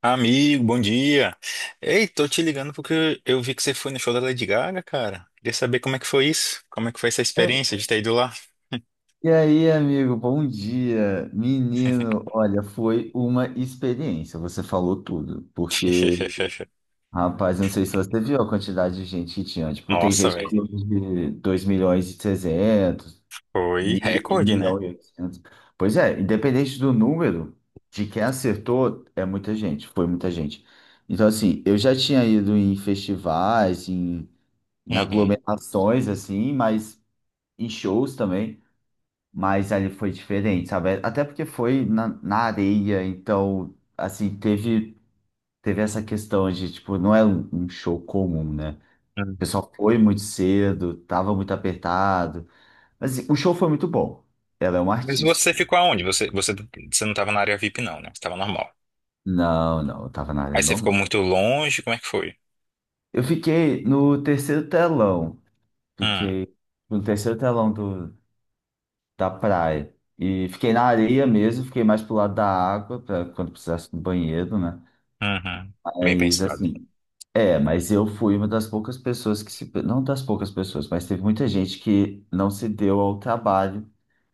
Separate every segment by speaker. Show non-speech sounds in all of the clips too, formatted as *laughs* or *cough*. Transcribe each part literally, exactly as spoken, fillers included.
Speaker 1: Amigo, bom dia. Ei, tô te ligando porque eu vi que você foi no show da Lady Gaga, cara. Queria saber como é que foi isso? Como é que foi essa experiência de ter ido lá?
Speaker 2: E aí, amigo, bom dia. Menino, olha, foi uma experiência. Você falou tudo, porque,
Speaker 1: *laughs*
Speaker 2: rapaz, eu não sei se você viu a quantidade de gente que tinha. Tipo, tem
Speaker 1: Nossa,
Speaker 2: gente
Speaker 1: velho.
Speaker 2: falando de dois milhões e trezentos
Speaker 1: Foi
Speaker 2: mil, um
Speaker 1: recorde, né?
Speaker 2: milhão e oitocentos. Pois é, independente do número de quem acertou, é muita gente, foi muita gente. Então, assim, eu já tinha ido em festivais, em, em
Speaker 1: Uhum.
Speaker 2: aglomerações, assim, mas em shows também. Mas ali foi diferente, sabe? Até porque foi na, na areia, então, assim, teve, teve essa questão de, tipo, não é um, um show comum, né? O
Speaker 1: Hum.
Speaker 2: pessoal foi muito cedo, tava muito apertado. Mas assim, o show foi muito bom. Ela é uma
Speaker 1: Mas
Speaker 2: artista.
Speaker 1: você ficou aonde? Você, você, você não tava na área VIP, não, né? Você tava normal.
Speaker 2: Não, não, eu tava na área
Speaker 1: Aí você ficou
Speaker 2: normal.
Speaker 1: muito longe, como é que foi?
Speaker 2: Eu fiquei no terceiro telão.
Speaker 1: Hum,
Speaker 2: Fiquei no terceiro telão do, da praia. E fiquei na areia mesmo, fiquei mais pro lado da água, pra quando precisasse do banheiro, né?
Speaker 1: uhum. Bem
Speaker 2: Mas
Speaker 1: pensado.
Speaker 2: assim. É, mas eu fui uma das poucas pessoas que se. Não das poucas pessoas, mas teve muita gente que não se deu ao trabalho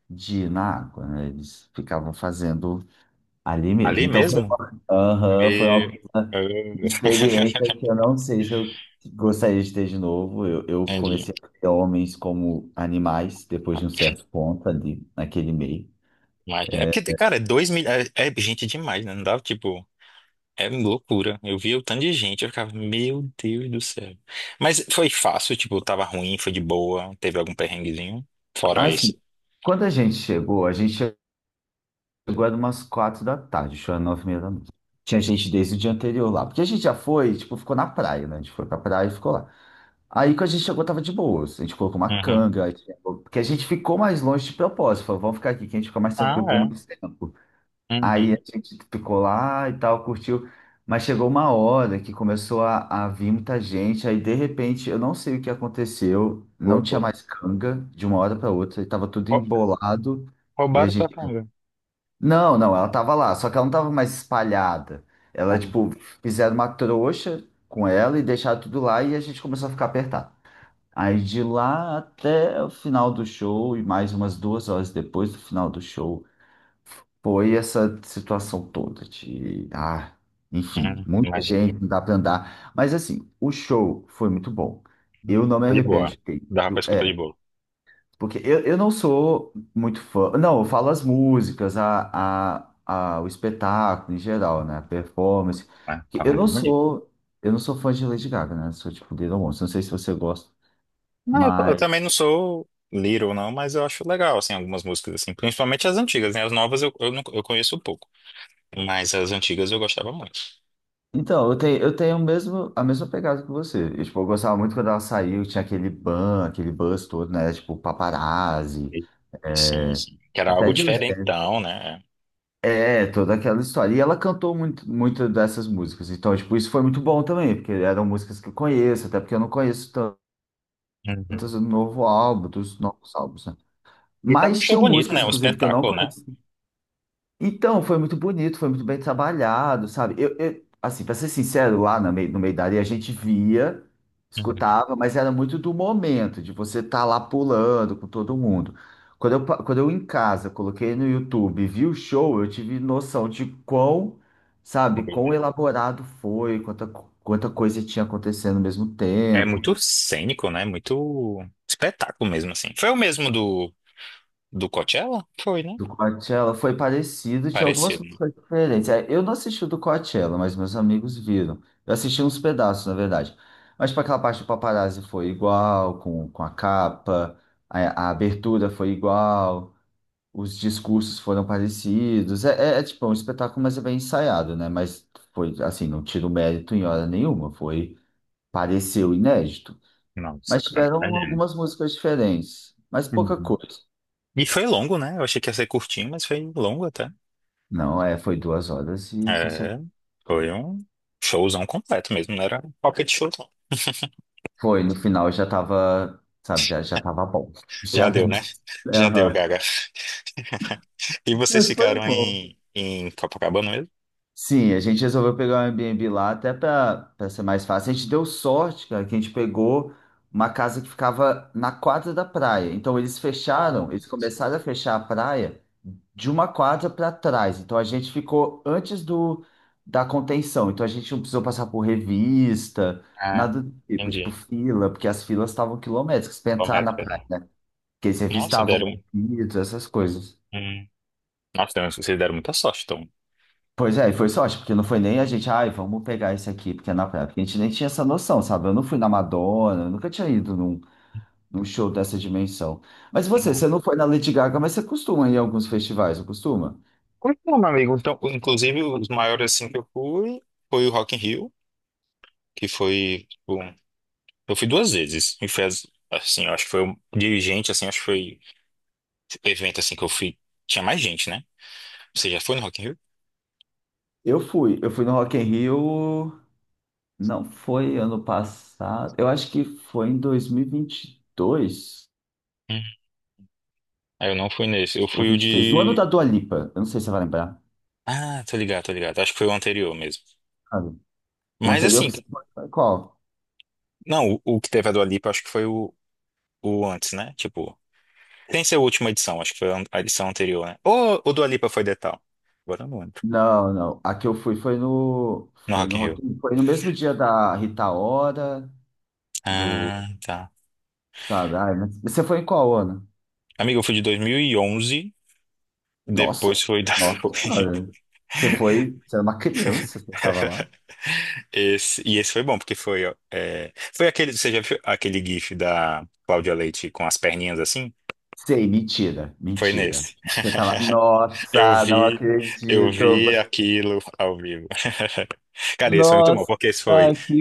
Speaker 2: de ir na água, né? Eles ficavam fazendo ali mesmo.
Speaker 1: Ali
Speaker 2: Então foi
Speaker 1: mesmo?
Speaker 2: uma, Aham, foi uma
Speaker 1: Me...
Speaker 2: uma experiência que eu
Speaker 1: *laughs*
Speaker 2: não sei se eu gostaria de ter de novo. Eu, eu
Speaker 1: Entendi.
Speaker 2: comecei a ver homens como animais depois de um certo ponto ali, naquele meio.
Speaker 1: Mas é porque, cara, é dois mil... é, é gente demais, né? Não dava, tipo. É loucura. Eu via o tanto de gente, eu ficava, meu Deus do céu. Mas foi fácil, tipo, tava ruim, foi de boa, teve algum perrenguezinho? Fora
Speaker 2: Assim,
Speaker 1: isso.
Speaker 2: quando a gente chegou, a gente. chegou era umas quatro da tarde, chegou era nove e meia da noite. Tinha gente desde o dia anterior lá. Porque a gente já foi, tipo, ficou na praia, né? A gente foi pra praia e ficou lá. Aí quando a gente chegou, tava de boas. A gente colocou uma
Speaker 1: Uhum.
Speaker 2: canga. aí tinha- Porque a gente ficou mais longe de propósito. Falou, vamos ficar aqui, que a gente fica mais
Speaker 1: Ah,
Speaker 2: tranquilo por
Speaker 1: é.
Speaker 2: mais tempo. Aí
Speaker 1: Uhum.
Speaker 2: a gente ficou lá e tal, curtiu. Mas chegou uma hora que começou a, a vir muita gente. Aí, de repente, eu não sei o que aconteceu. Não tinha
Speaker 1: Loucura.
Speaker 2: mais canga de uma hora para outra. E tava tudo
Speaker 1: Rou-
Speaker 2: embolado. E a
Speaker 1: Roubaram tua
Speaker 2: gente
Speaker 1: carga.
Speaker 2: não, não, ela tava lá, só que ela não tava mais espalhada. Ela,
Speaker 1: Ah,
Speaker 2: tipo, fizeram uma trouxa com ela e deixaram tudo lá e a gente começou a ficar apertado. Aí de lá até o final do show e mais umas duas horas depois do final do show, foi essa situação toda de, ah, enfim,
Speaker 1: hum,
Speaker 2: muita
Speaker 1: imagina.
Speaker 2: gente, não dá pra andar. Mas assim, o show foi muito bom.
Speaker 1: Não,
Speaker 2: Eu não me
Speaker 1: tá de
Speaker 2: arrependo
Speaker 1: boa.
Speaker 2: de ter
Speaker 1: Dava pra
Speaker 2: ido.
Speaker 1: escutar de
Speaker 2: É,
Speaker 1: boa.
Speaker 2: porque eu, eu não sou muito fã. Não, eu falo as músicas, a, a, a, o espetáculo em geral, né? A performance.
Speaker 1: Ah,
Speaker 2: Que
Speaker 1: tava
Speaker 2: Eu não
Speaker 1: mesmo ali.
Speaker 2: sou, eu não sou fã de Lady Gaga, né? Sou tipo Little Monsters. Não sei se você gosta.
Speaker 1: Não, eu, eu
Speaker 2: Mas.
Speaker 1: também não sou Little, não, mas eu acho legal, assim, algumas músicas, assim. Principalmente as antigas, né? As novas eu, eu, não, eu conheço pouco. Mas as antigas eu gostava muito.
Speaker 2: Então, eu tenho, eu tenho o mesmo, a mesma pegada que você. Eu, tipo, eu gostava muito quando ela saiu, tinha aquele ban, aquele buzz todo, né? Tipo, paparazzi.
Speaker 1: Sim,
Speaker 2: É,
Speaker 1: sim. Que era algo
Speaker 2: Até Just
Speaker 1: diferentão, né?
Speaker 2: é, toda aquela história. E ela cantou muito, muito dessas músicas. Então, tipo, isso foi muito bom também, porque eram músicas que eu conheço, até porque eu não conheço tantas
Speaker 1: Uhum.
Speaker 2: do novo álbum, dos novos álbuns, né?
Speaker 1: E tava um
Speaker 2: Mas
Speaker 1: show
Speaker 2: tinham
Speaker 1: bonito,
Speaker 2: músicas,
Speaker 1: né? Um
Speaker 2: inclusive, que eu não
Speaker 1: espetáculo, né?
Speaker 2: conheço então, foi muito bonito, foi muito bem trabalhado, sabe? Eu, eu- assim, para ser sincero, lá no meio, no meio da areia a gente via,
Speaker 1: Uhum.
Speaker 2: escutava, mas era muito do momento, de você estar lá pulando com todo mundo. Quando eu, pa- quando eu em casa coloquei no YouTube e vi o show, eu tive noção de quão, sabe,
Speaker 1: Foi, né?
Speaker 2: quão elaborado foi, quanta, co- quanta coisa tinha acontecendo ao mesmo
Speaker 1: É
Speaker 2: tempo.
Speaker 1: muito cênico, né? Muito espetáculo mesmo, assim. Foi o mesmo do, do, Coachella? Foi, né?
Speaker 2: Do Coachella foi parecido, tinha algumas
Speaker 1: Parecido, né?
Speaker 2: músicas diferentes. É, eu não assisti o do Coachella, mas meus amigos viram. Eu assisti uns pedaços, na verdade. Mas para aquela parte do Paparazzi foi igual, com, com a capa, a, a abertura foi igual, os discursos foram parecidos. É, é, é, tipo é um espetáculo, mas é bem ensaiado, né? Mas foi assim, não tiro mérito em hora nenhuma, foi, pareceu inédito.
Speaker 1: Nossa,
Speaker 2: Mas
Speaker 1: cara, tá.
Speaker 2: tiveram algumas músicas diferentes, mas pouca
Speaker 1: Uhum.
Speaker 2: coisa.
Speaker 1: E foi longo, né? Eu achei que ia ser curtinho, mas foi longo até.
Speaker 2: Não, é, foi duas horas e cacete.
Speaker 1: É, foi um showzão completo mesmo, não era pocket show, não.
Speaker 2: Foi, no final já tava, sabe, já, já tava bom. *laughs* Já
Speaker 1: Já deu,
Speaker 2: não...
Speaker 1: né? Já deu,
Speaker 2: Aham.
Speaker 1: Gaga. E vocês
Speaker 2: Mas foi
Speaker 1: ficaram
Speaker 2: bom.
Speaker 1: em, em Copacabana
Speaker 2: Sim, a gente resolveu pegar um Airbnb lá até para ser mais fácil. A gente deu sorte, cara, que a gente pegou uma casa que ficava na quadra da praia. Então eles
Speaker 1: mesmo?
Speaker 2: fecharam, eles começaram a fechar a praia de uma quadra para trás. Então a gente ficou antes do da contenção. Então a gente não precisou passar por revista,
Speaker 1: Ah,
Speaker 2: nada do tipo, tipo
Speaker 1: entendi.
Speaker 2: fila, porque as filas estavam quilométricas para entrar
Speaker 1: Correto,
Speaker 2: na praia.
Speaker 1: Pedro.
Speaker 2: Que eles
Speaker 1: Nossa,
Speaker 2: revistavam
Speaker 1: deram.
Speaker 2: pedidos, essas coisas.
Speaker 1: Hum. Nossa, deram, vocês deram muita sorte, então.
Speaker 2: Pois é, e foi sorte, porque não foi nem a gente, ai, vamos pegar esse aqui, porque é na praia, porque a gente nem tinha essa noção, sabe? Eu não fui na Madonna, eu nunca tinha ido num, num show dessa dimensão. Mas você,
Speaker 1: Não.
Speaker 2: você não foi na Lady Gaga, mas você costuma ir em alguns festivais, não costuma?
Speaker 1: Pois não, meu amigo. Então, inclusive, os maiores assim que eu fui foi o Rock in Rio, que foi, tipo, eu fui duas vezes. E foi as- assim, eu acho que foi o dirigente, assim, acho que foi evento assim que eu fui. Tinha mais gente, né? Você já foi no Rock in Rio?
Speaker 2: Eu fui, eu fui no Rock in Rio, não foi ano passado, eu acho que foi em dois mil e vinte e dois
Speaker 1: Hum. Ah, eu não fui nesse. Eu
Speaker 2: ou
Speaker 1: fui o
Speaker 2: vinte e três, no ano
Speaker 1: de.
Speaker 2: da Dua Lipa, eu não sei se você vai lembrar.
Speaker 1: Ah, tô ligado, tô ligado. Acho que foi o anterior mesmo.
Speaker 2: Sabe? O
Speaker 1: Mas
Speaker 2: anterior
Speaker 1: assim,
Speaker 2: que você foi, foi qual?
Speaker 1: não, o, o que teve a Dua Lipa, acho que foi o, o antes, né? Tipo. Tem ser a última edição, acho que foi a edição anterior, né? Ou o Dua Lipa foi Detal? Agora eu não lembro.
Speaker 2: Não, não. A que eu fui foi no,
Speaker 1: No
Speaker 2: foi
Speaker 1: Rock
Speaker 2: no,
Speaker 1: in Rio.
Speaker 2: Rock in- foi no mesmo dia da Rita Ora, do,
Speaker 1: Ah, tá.
Speaker 2: sabe? Ai, mas você foi em qual ano?
Speaker 1: Amigo, eu fui de dois mil e onze, depois
Speaker 2: Nossa,
Speaker 1: foi da... *laughs*
Speaker 2: nossa
Speaker 1: foi-
Speaker 2: senhora. Você foi, você era uma criança, você estava lá.
Speaker 1: Esse, e esse foi bom, porque foi... ó, é, foi aquele, você já viu aquele gif da Cláudia Leite com as perninhas assim?
Speaker 2: Sei, mentira,
Speaker 1: Foi
Speaker 2: mentira.
Speaker 1: nesse.
Speaker 2: Você tava,
Speaker 1: *laughs* Eu
Speaker 2: nossa, não
Speaker 1: vi, eu
Speaker 2: acredito.
Speaker 1: vi
Speaker 2: Você-
Speaker 1: aquilo ao vivo. *laughs* Cara, esse foi muito bom,
Speaker 2: Nossa,
Speaker 1: porque esse foi,
Speaker 2: que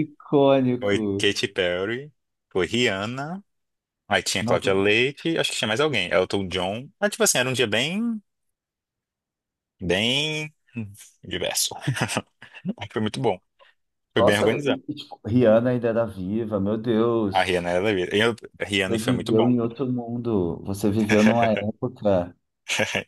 Speaker 1: foi
Speaker 2: icônico.
Speaker 1: Katy Perry, foi Rihanna. Aí tinha Cláudia
Speaker 2: Nossa,
Speaker 1: Leite, acho que tinha mais alguém. Elton John. Ah, tipo assim, era um dia bem, bem diverso. *laughs* Aí foi muito bom. Foi bem
Speaker 2: nossa,
Speaker 1: organizado.
Speaker 2: e- e, tipo, Rihanna ainda era viva, meu
Speaker 1: A
Speaker 2: Deus.
Speaker 1: Rihanna, ela, eu, a
Speaker 2: Você
Speaker 1: Rihanna foi muito
Speaker 2: viveu
Speaker 1: bom.
Speaker 2: em outro mundo. Você viveu numa época.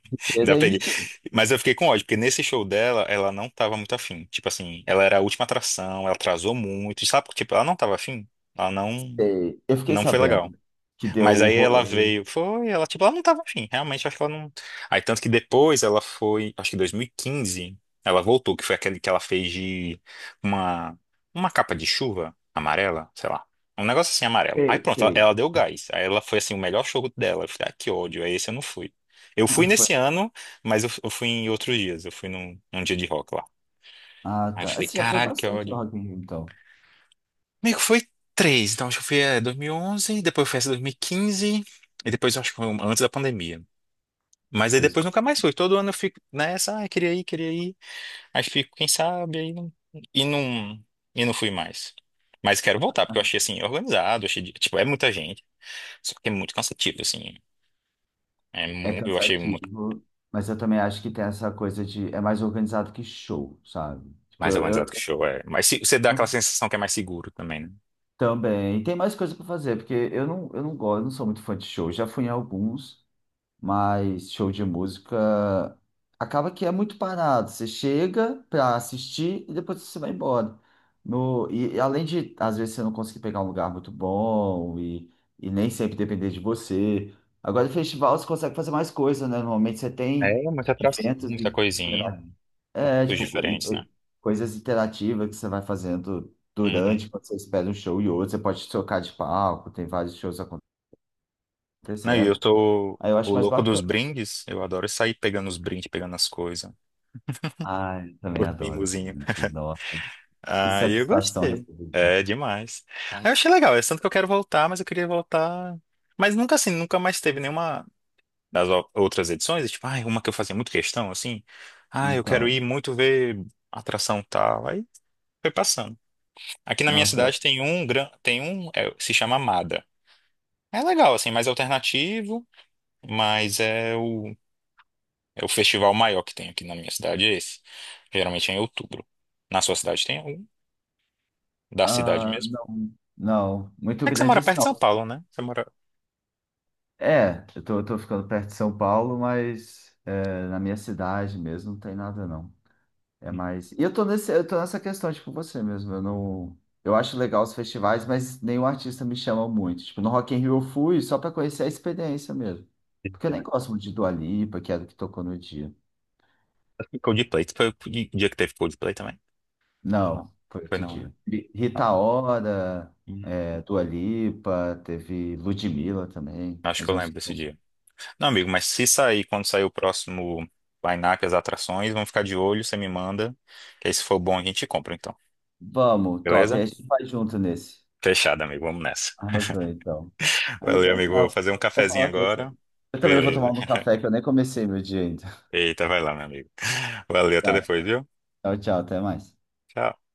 Speaker 1: *laughs* Ainda peguei.
Speaker 2: Diferente.
Speaker 1: Mas eu fiquei com ódio, porque nesse show dela, ela não tava muito afim. Tipo assim, ela era a última atração, ela atrasou muito. Sabe, tipo, ela não tava afim. Ela não,
Speaker 2: Sei. Eu fiquei
Speaker 1: não foi legal.
Speaker 2: sabendo que deu
Speaker 1: Mas
Speaker 2: o
Speaker 1: aí ela
Speaker 2: rolê.
Speaker 1: veio, foi, ela, tipo, ela não tava afim, realmente, acho que ela não. Aí, tanto que depois ela foi, acho que em dois mil e quinze, ela voltou, que foi aquele que ela fez de uma, uma, capa de chuva amarela, sei lá. Um negócio assim amarelo. Aí
Speaker 2: Sei,
Speaker 1: pronto, ela,
Speaker 2: sei.
Speaker 1: ela deu gás. Aí ela foi assim, o melhor show dela. Eu falei, ah, que ódio, aí esse eu não fui. Eu fui
Speaker 2: Ah, foi...
Speaker 1: nesse ano, mas eu, eu fui em outros dias, eu fui num, num dia de rock lá.
Speaker 2: ah,
Speaker 1: Aí eu
Speaker 2: tá.
Speaker 1: falei,
Speaker 2: Esse já foi
Speaker 1: caralho, que
Speaker 2: bastante no
Speaker 1: ódio.
Speaker 2: Rock in Rio, então.
Speaker 1: Meio que foi três. Então, acho que eu fui é, dois mil e onze, depois eu fui essa dois mil e quinze, e quinze, e depois eu acho que foi um- antes da pandemia. Mas aí
Speaker 2: Então,
Speaker 1: depois nunca mais fui. Todo ano eu fico nessa, ah, queria ir, queria ir. Aí fico, quem sabe, aí não, e não, e não fui mais. Mas quero voltar, porque eu achei assim, organizado, achei, de- tipo, é muita gente, só que é muito cansativo, assim. É
Speaker 2: é
Speaker 1: mu- eu achei muito
Speaker 2: cansativo, mas eu também acho que tem essa coisa de... É mais organizado que show, sabe? Tipo,
Speaker 1: mais organizado que
Speaker 2: eu,
Speaker 1: show, é. Mas se- você dá aquela
Speaker 2: eu-
Speaker 1: sensação que é mais seguro também, né?
Speaker 2: também. Tem mais coisa pra fazer, porque eu não, eu não gosto, eu não sou muito fã de show. Já fui em alguns, mas show de música acaba que é muito parado. Você chega para assistir e depois você vai embora. No, e e além de, às vezes, você não conseguir pegar um lugar muito bom e, e, nem sempre depender de você. Agora, em festival, você consegue fazer mais coisa, né? Normalmente você
Speaker 1: É,
Speaker 2: tem
Speaker 1: muita atração,
Speaker 2: eventos
Speaker 1: muita
Speaker 2: e
Speaker 1: coisinha,
Speaker 2: intera- é,
Speaker 1: poucos
Speaker 2: tipo, co- e-
Speaker 1: diferentes, né?
Speaker 2: e coisas interativas que você vai fazendo
Speaker 1: Uhum.
Speaker 2: durante, quando você espera um show e outro. Você pode trocar de palco, tem vários shows
Speaker 1: Não, e eu
Speaker 2: acontecendo.
Speaker 1: sou
Speaker 2: Aí eu acho
Speaker 1: o
Speaker 2: mais
Speaker 1: louco dos
Speaker 2: bacana.
Speaker 1: brindes. Eu adoro sair pegando os brindes, pegando as coisas. *laughs*
Speaker 2: Ai, eu
Speaker 1: O
Speaker 2: também adoro,
Speaker 1: mimosinho.
Speaker 2: gente. Nossa, que
Speaker 1: Ah, eu
Speaker 2: satisfação
Speaker 1: gostei.
Speaker 2: receber. Isso.
Speaker 1: É demais. Aí eu achei legal. É tanto que eu quero voltar, mas eu queria voltar. Mas nunca assim, nunca mais teve nenhuma das o- outras edições. E tipo, ah, uma que eu fazia muito questão, assim. Ah, eu quero
Speaker 2: Então,
Speaker 1: ir muito ver atração tal. Aí foi passando. Aqui na minha
Speaker 2: nossa,
Speaker 1: cidade tem um, gran- tem um, é, se chama Amada. É legal, assim, mais alternativo, mas é o É o festival maior que tem aqui na minha cidade, é esse. Geralmente é em outubro. Na sua cidade tem algum? Da cidade
Speaker 2: ah,
Speaker 1: mesmo?
Speaker 2: não, não, muito
Speaker 1: É que você
Speaker 2: grande
Speaker 1: mora
Speaker 2: isso
Speaker 1: perto de São
Speaker 2: não.
Speaker 1: Paulo, né? Você mora.
Speaker 2: É, eu tô, eu tô ficando perto de São Paulo, mas é, na minha cidade mesmo não tem nada não. É
Speaker 1: Hum,
Speaker 2: mais. E eu tô nesse, eu tô nessa questão, tipo, você mesmo. Eu não, eu acho legal os festivais, mas nenhum artista me chama muito. Tipo, no Rock in Rio eu fui só pra conhecer a experiência mesmo. Porque eu
Speaker 1: entendi,
Speaker 2: nem
Speaker 1: né?
Speaker 2: gosto muito de Dua Lipa, que era o que tocou no dia.
Speaker 1: Acho que Coldplay. Foi o di- dia que teve Coldplay também? Não.
Speaker 2: Não, foi
Speaker 1: Foi
Speaker 2: outro
Speaker 1: não, né?
Speaker 2: dia. Ri-
Speaker 1: Ah,
Speaker 2: Rita Ora,
Speaker 1: hum,
Speaker 2: é, Dua Lipa, teve Ludmilla também,
Speaker 1: acho
Speaker 2: mas
Speaker 1: que
Speaker 2: eu
Speaker 1: eu
Speaker 2: não
Speaker 1: lembro
Speaker 2: sei.
Speaker 1: desse
Speaker 2: Como.
Speaker 1: dia. Não, amigo, mas se sair, quando sair o próximo line-up, as atrações, vamos ficar de olho, você me manda. Que aí se for bom a gente compra, então.
Speaker 2: Vamos, top.
Speaker 1: Beleza?
Speaker 2: Aí a gente vai junto nesse.
Speaker 1: Fechado, amigo. Vamos nessa.
Speaker 2: Arrasou, então. Ah,
Speaker 1: Valeu,
Speaker 2: então
Speaker 1: amigo. Vou
Speaker 2: tá.
Speaker 1: fazer um
Speaker 2: Vou
Speaker 1: cafezinho
Speaker 2: falar com você.
Speaker 1: agora.
Speaker 2: Eu também vou tomar
Speaker 1: Beleza.
Speaker 2: um café que eu nem comecei meu dia ainda. *laughs*
Speaker 1: Eita, vai lá, meu amigo. Valeu, até
Speaker 2: Tá,
Speaker 1: depois, viu?
Speaker 2: tchau, tchau, até mais.
Speaker 1: Tchau.